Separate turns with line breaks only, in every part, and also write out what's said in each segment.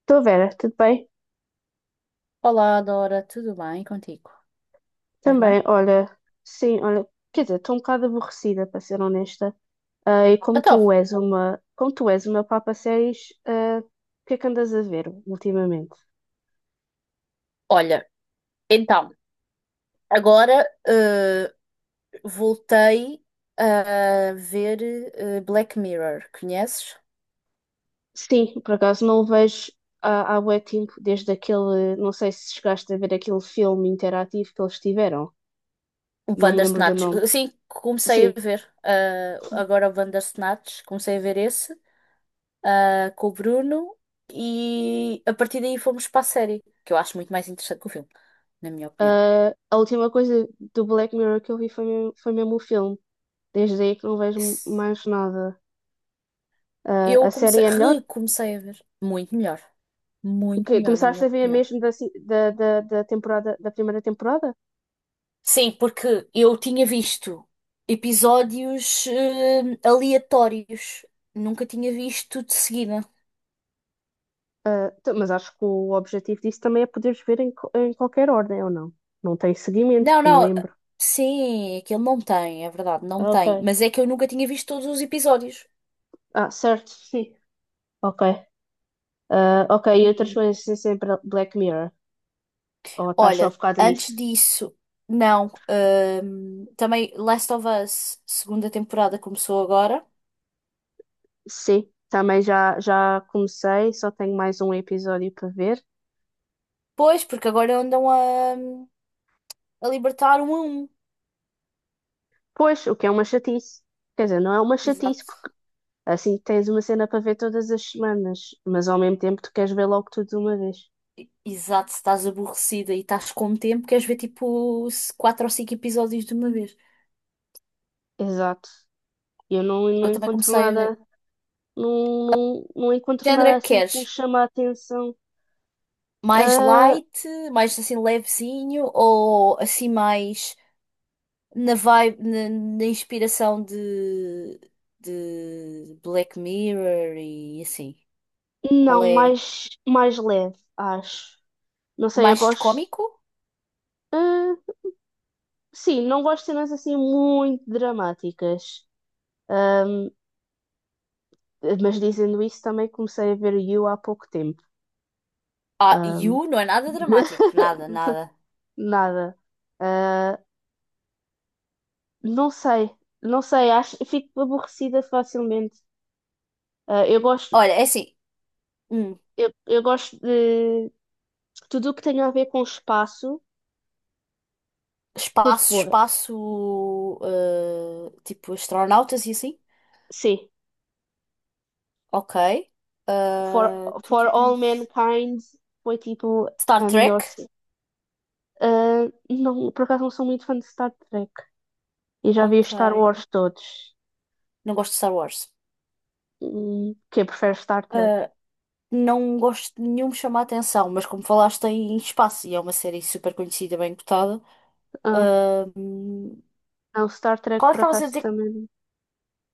Estou Vera, tudo bem?
Olá, Dora, tudo bem contigo? Estás bem?
Também, olha, sim, olha, quer dizer, estou um bocado aborrecida, para ser honesta. Ah, e como
Então,
tu és uma, como tu és uma meu papa séries, ah, o que é que andas a ver ultimamente?
olha, então, agora voltei a ver Black Mirror, conheces?
Sim, por acaso não o vejo há bué tempo, desde aquele, não sei se chegaste a ver aquele filme interativo que eles tiveram,
O
não me lembro do
Bandersnatch.
nome.
Sim, comecei
Sim,
a ver agora o Bandersnatch, comecei a ver esse com o Bruno e a partir daí fomos para a série, que eu acho muito mais interessante que o filme, na minha opinião.
ah, a última coisa do Black Mirror que eu vi foi mesmo o filme, desde aí que não vejo mais nada. Ah,
Eu
a série
comecei,
é melhor?
recomecei a ver, muito
Que
melhor, na
começaste
minha
a ver
opinião.
mesmo da temporada, da primeira temporada?
Sim, porque eu tinha visto episódios aleatórios. Nunca tinha visto de seguida.
Ah, mas acho que o objetivo disso também é poderes ver em qualquer ordem, ou não? Não tem seguimento,
Não,
que me
não.
lembro.
Sim, aquilo não tem, é verdade, não
Ah,
tem.
ok.
Mas é que eu nunca tinha visto todos os episódios.
Ah, certo, sim. Ok. Ah, ok, e outras
E
coisas sem ser Black Mirror. Ou estás só
olha,
focado nisso?
antes disso, não. Também Last of Us, segunda temporada começou agora.
Sim, também já comecei, só tenho mais um episódio para ver.
Pois, porque agora andam a libertar um a um.
Pois, o que é uma chatice. Quer dizer, não é uma chatice.
Exato.
Assim tens uma cena para ver todas as semanas, mas ao mesmo tempo tu queres ver logo tudo de uma vez.
Exato, se estás aborrecida e estás com tempo, queres ver tipo quatro ou cinco episódios de uma vez.
Exato. Eu não, não
Eu também
encontro
comecei a ver.
nada, não, não, não
Que
encontro
género é
nada
que
assim
queres?
que me chama a atenção.
Mais
Ah,
light, mais assim levezinho ou assim mais na vibe, na inspiração de Black Mirror e assim? Qual
não,
é?
mais leve, acho. Não sei, eu
Mais
gosto.
cômico.
Ah, sim, não gosto de cenas assim muito dramáticas. Ahm, mas dizendo isso, também comecei a ver You há pouco tempo.
Ah, You não é nada dramático, nada, nada.
Nada. Ah, Não sei, não sei acho, fico aborrecida facilmente. Ah, eu gosto,
Olha, é assim. hum,
eu gosto de tudo o que tem a ver com espaço, curto
Espaço,
bué.
espaço, tipo astronautas e assim?
Sim,
Ok.
For,
Estou
For
aqui a
All
pensar.
Mankind foi tipo
Star
a melhor.
Trek?
Sim. Ah, não, por acaso não sou muito fã de Star Trek. E já vi os
Ok.
Star Wars todos.
Não gosto de Star Wars.
Quem prefere Star Trek?
Eh, não gosto de nenhum me chamar a atenção, mas como falaste em espaço e é uma série super conhecida, bem cotada.
Ah,
eh,
não, Star Trek
Qual é que
por
estavas a
acaso
dizer?
também.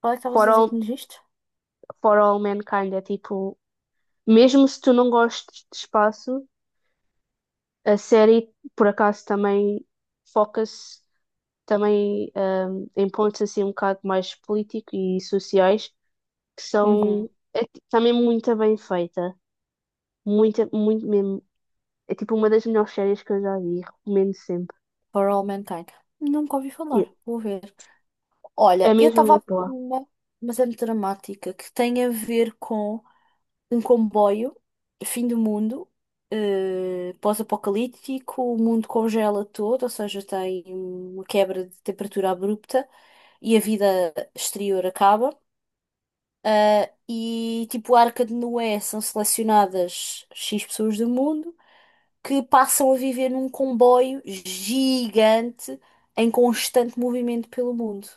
Qual é que estavas
For
a dizer que
All,
nos viste?
For All Mankind é tipo, mesmo se tu não gostes de espaço. A série, por acaso, também foca-se também em pontos assim um bocado mais políticos e sociais, que
Uhum.
são é, também muito bem feita. Muito, muito mesmo. É tipo uma das melhores séries que eu já vi, recomendo sempre.
For All Mankind. Nunca ouvi
E
falar. Vou ver.
é
Olha, eu
mesmo
estava a
muito
ver
boa.
uma, mas é muito dramática, que tem a ver com um comboio, fim do mundo, pós-apocalíptico, o mundo congela todo, ou seja, tem uma quebra de temperatura abrupta e a vida exterior acaba. Ah, e tipo, a Arca de Noé são selecionadas X pessoas do mundo que passam a viver num comboio gigante em constante movimento pelo mundo.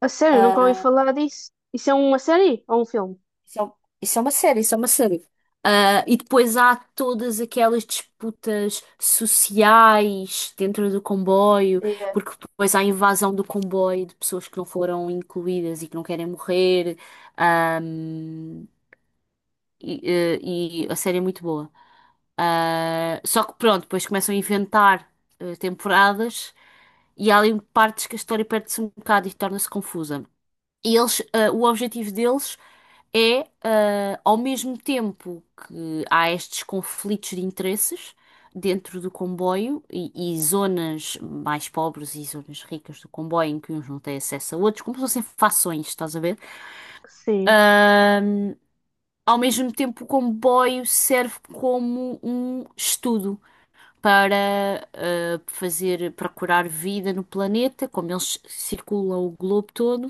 A sério, nunca ouvi
Ah,
falar disso. Isso é uma série ou um filme?
Isso é, um- isso é uma série, isso é uma série. Ah, e depois há todas aquelas disputas sociais dentro do comboio,
É,
porque depois há a invasão do comboio de pessoas que não foram incluídas e que não querem morrer. Ahm, e, eh, e a série é muito boa. Ah, só que pronto, depois começam a inventar temporadas e há ali partes que a história perde-se um bocado e torna-se confusa. E eles, ah, o objetivo deles é, ah, ao mesmo tempo que há estes conflitos de interesses dentro do comboio e zonas mais pobres e zonas ricas do comboio em que uns não têm acesso a outros, como se fossem fações, estás a ver?
sim.
Ah, ao mesmo tempo, o comboio serve como um estudo para ah, fazer, procurar vida no planeta, como eles circulam o globo todo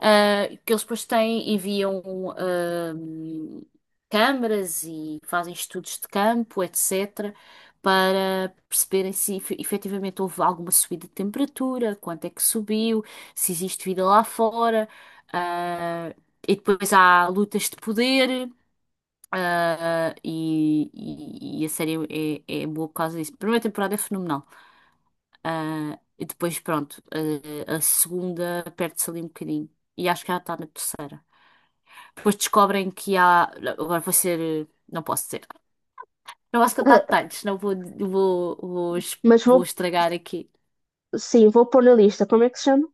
ah, que eles depois têm, enviam ahm, câmaras e fazem estudos de campo, etc., para perceberem se efetivamente houve alguma subida de temperatura, quanto é que subiu, se existe vida lá fora. Ah, e depois há lutas de poder. Ah, e a série é boa por causa disso. A primeira temporada é fenomenal. Ah, e depois, pronto, ah, a segunda perde-se ali um bocadinho. E acho que ela está na terceira. Depois descobrem que há. Agora vou ser. Não posso dizer. Não posso contar
Ah,
detalhes, senão
mas
vou
vou,
estragar aqui.
sim, vou pôr na lista. Como é que se chama?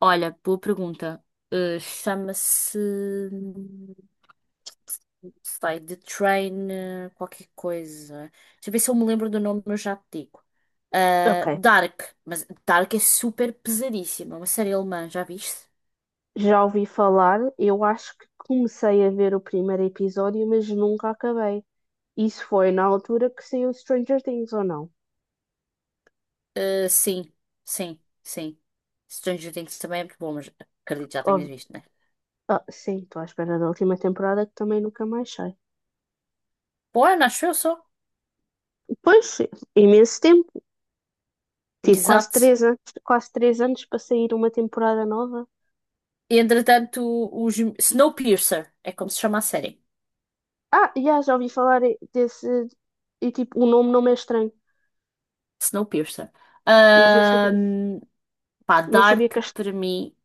Olha, boa pergunta. Ah, chama-se. Sei, The Train, qualquer coisa. Deixa eu ver se eu me lembro do nome, eu já te digo.
Ok.
Ah, Dark, mas Dark é super pesadíssima, é uma série alemã, já viste?
Já ouvi falar, eu acho que comecei a ver o primeiro episódio, mas nunca acabei. Isso foi na altura que saiu Stranger Things, ou não?
Sim, sim, sim. Stranger Things também é muito bom, mas acredito que já tenhas
Ou-
visto, né?
ah, sim, estou à espera da última temporada que também nunca mais sai.
Bom, ano, acho eu só.
Pois, imenso tempo. Tive quase
Exato.
3 anos, quase 3 anos para sair uma temporada nova.
Entretanto, os Snowpiercer, é como se chama a série.
Ah, já ouvi falar desse. E tipo, o nome não me é estranho,
Snowpiercer.
mas não sabia.
Ahm, Pá,
Não sabia
Dark,
que.
para mim,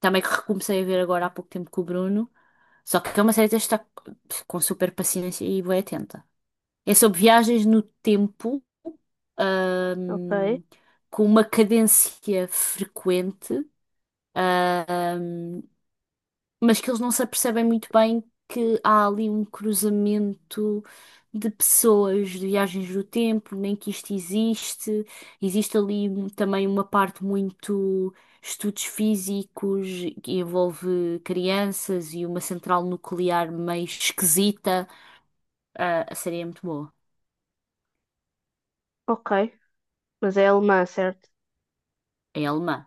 também que recomecei a ver agora há pouco tempo com o Bruno. Só que é uma série que tens de estar com super paciência e bem atenta. É sobre viagens no tempo,
Ok,
ahm, com uma cadência frequente. Ahm, mas que eles não se apercebem muito bem que há ali um cruzamento de pessoas, de viagens do tempo, nem que isto existe. Existe ali também uma parte muito estudos físicos que envolve crianças e uma central nuclear meio esquisita. Ah, a série é muito boa,
ok. Mas é alemã, certo?
é alemã.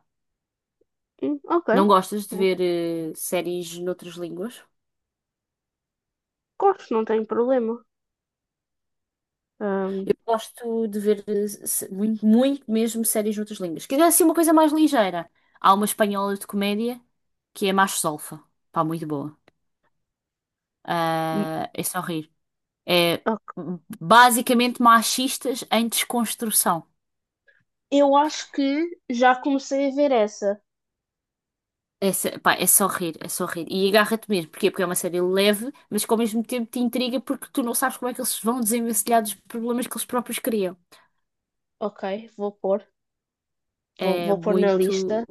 Ok.
Não gostas de ver séries noutras línguas?
Gosto, não tenho problema. Ahm,
Eu gosto de ver muito, muito mesmo séries noutras línguas. Quer dizer, assim, uma coisa mais ligeira. Há uma espanhola de comédia que é Macho Solfa. Pá, muito boa. Ah, é só rir. É
ok.
basicamente machistas em desconstrução.
Eu acho que já comecei a ver essa.
É, pá, é só rir, é só rir. E agarra-te mesmo. Porquê? Porque é uma série leve, mas que ao mesmo tempo te intriga porque tu não sabes como é que eles vão desenvencilhar dos problemas que eles próprios criam.
Ok, vou pôr. Vou,
É
vou pôr na lista.
muito,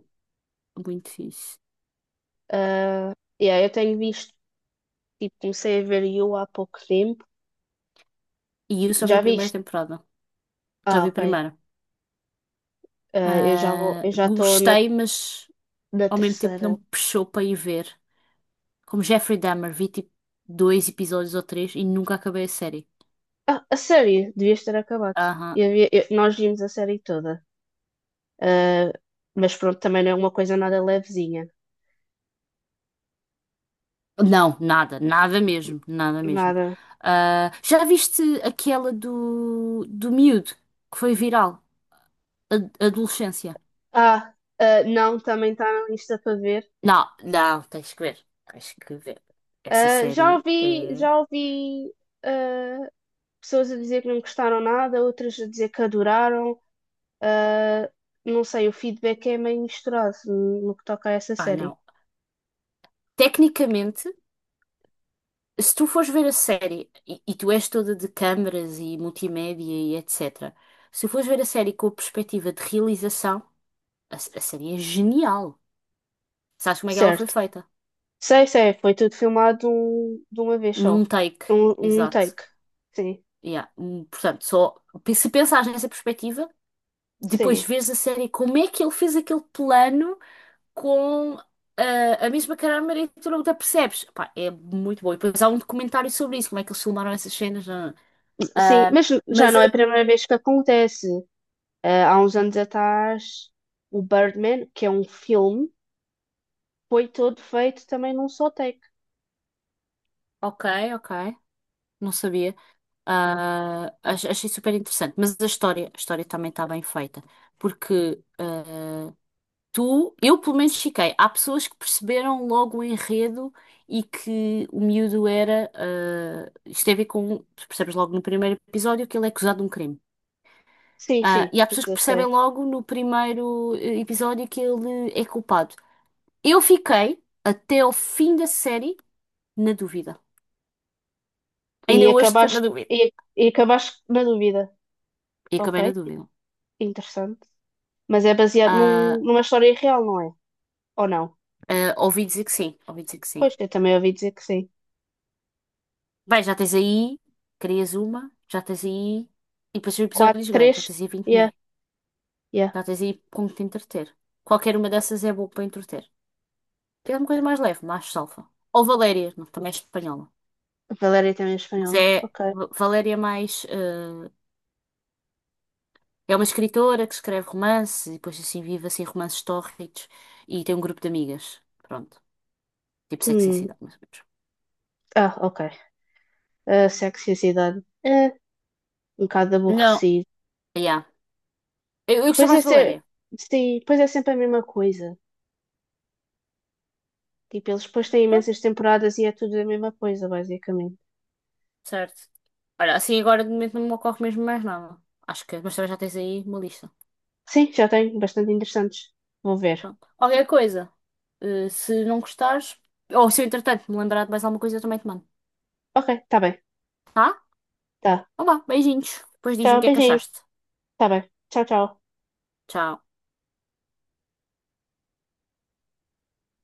muito fixe.
Ah, yeah, eu tenho visto. Tipo, comecei a ver You há pouco tempo.
E eu só vi
Já
a primeira
viste?
temporada. Já
Ah,
vi
ok.
a primeira.
Ah, eu já vou,
Ah,
eu já estou na,
gostei, mas
na
ao mesmo tempo
terceira.
não me puxou para ir ver. Como Jeffrey Dahmer, vi tipo dois episódios ou três e nunca acabei a série.
Ah, a série. Devias ter acabado.
Aham.
Nós vimos a série toda. Ah, mas pronto, também não é uma coisa nada levezinha.
Não, nada, nada mesmo, nada mesmo.
Nada.
Ah, já viste aquela do miúdo que foi viral? Adolescência.
Ah, ah, não, também está na lista para ver.
Não, não, tens que ver. Tens que ver. Essa
Ah, já
série
ouvi,
é.
já ouvi, ah, pessoas a dizer que não gostaram nada, outras a dizer que adoraram. Ah, não sei, o feedback é meio misturado no que toca a essa
Ah,
série.
não. Tecnicamente. Se tu fores ver a série, e tu és toda de câmaras e multimédia e etc., se fores ver a série com a perspectiva de realização, a série é genial. Sabes como é que ela foi
Certo.
feita?
Sei, sei, foi tudo filmado de de uma vez só.
Num take,
Um
exato.
take. Sim,
Yeah. Portanto, só se pensares nessa perspectiva, depois
sim.
vês a série como é que ele fez aquele plano com a mesma câmara e tu não te apercebes. Pá, é muito bom. E depois há um documentário sobre isso, como é que eles filmaram essas cenas. Ah,
Sim,
ah,
mas já
mas
não é a
a
primeira vez que acontece. Ah, há uns anos atrás, o Birdman, que é um filme, foi todo feito também num só take.
Ok, ok. Não sabia. Ah, achei super interessante. Mas a história também está bem feita. Porque ah, eu pelo menos fiquei. Há pessoas que perceberam logo o enredo e que o miúdo era. Ah, isto tem a ver com. Tu percebes logo no primeiro episódio que ele é acusado de um crime.
Sim,
Ah,
sim,
e há
isso
pessoas que
eu sei.
percebem logo no primeiro episódio que ele é culpado. Eu fiquei até ao fim da série na dúvida.
E
Ainda hoje estou na
acabaste,
dúvida.
e, e acabaste na dúvida.
E
Ok,
acabei na dúvida.
interessante. Mas é baseado num-
Ah,
numa história real, não é? Ou não?
Ah, ouvi dizer que sim, ouvi dizer que sim.
Pois, eu também ouvi dizer que sim.
Bem, já tens aí, crias uma, já tens aí, e depois são
Quatro,
episódios grandes, já
três,
tens aí 20 mil.
yeah, yeah.
Já tens aí com que te entreter. Qualquer uma dessas é boa para entreter. Queres uma coisa mais leve, mais salfa. Ou Valéria, não, também é espanhola.
A Valéria também é
Mas
espanhola.
é
Ok.
Valéria é mais. Ah, é uma escritora que escreve romances e depois assim vive assim romances tórridos e tem um grupo de amigas. Pronto. Tipo Sexy and the
Hum,
City, mais ou menos.
ah, ok. A sexualidade. É, um bocado
Não,
aborrecido.
yeah. Eu gosto
Pois é,
mais de Valéria.
sim, pois é sempre a mesma coisa. Tipo, eles depois têm imensas temporadas e é tudo a mesma coisa, basicamente.
Certo. Olha, assim agora de momento não me ocorre mesmo mais nada. Acho que, mas também já tens aí uma lista.
Sim, já tenho, bastante interessantes. Vou ver.
Pronto. Qualquer coisa. Se não gostares, ou se eu entretanto me lembrar de mais alguma coisa, eu também te mando.
Ok, tá bem.
Tá?
Tá.
Então vá, beijinhos. Depois diz-me o
Tchau,
que é que
beijinho.
achaste.
Tá bem. Tchau, tchau.
Tchau.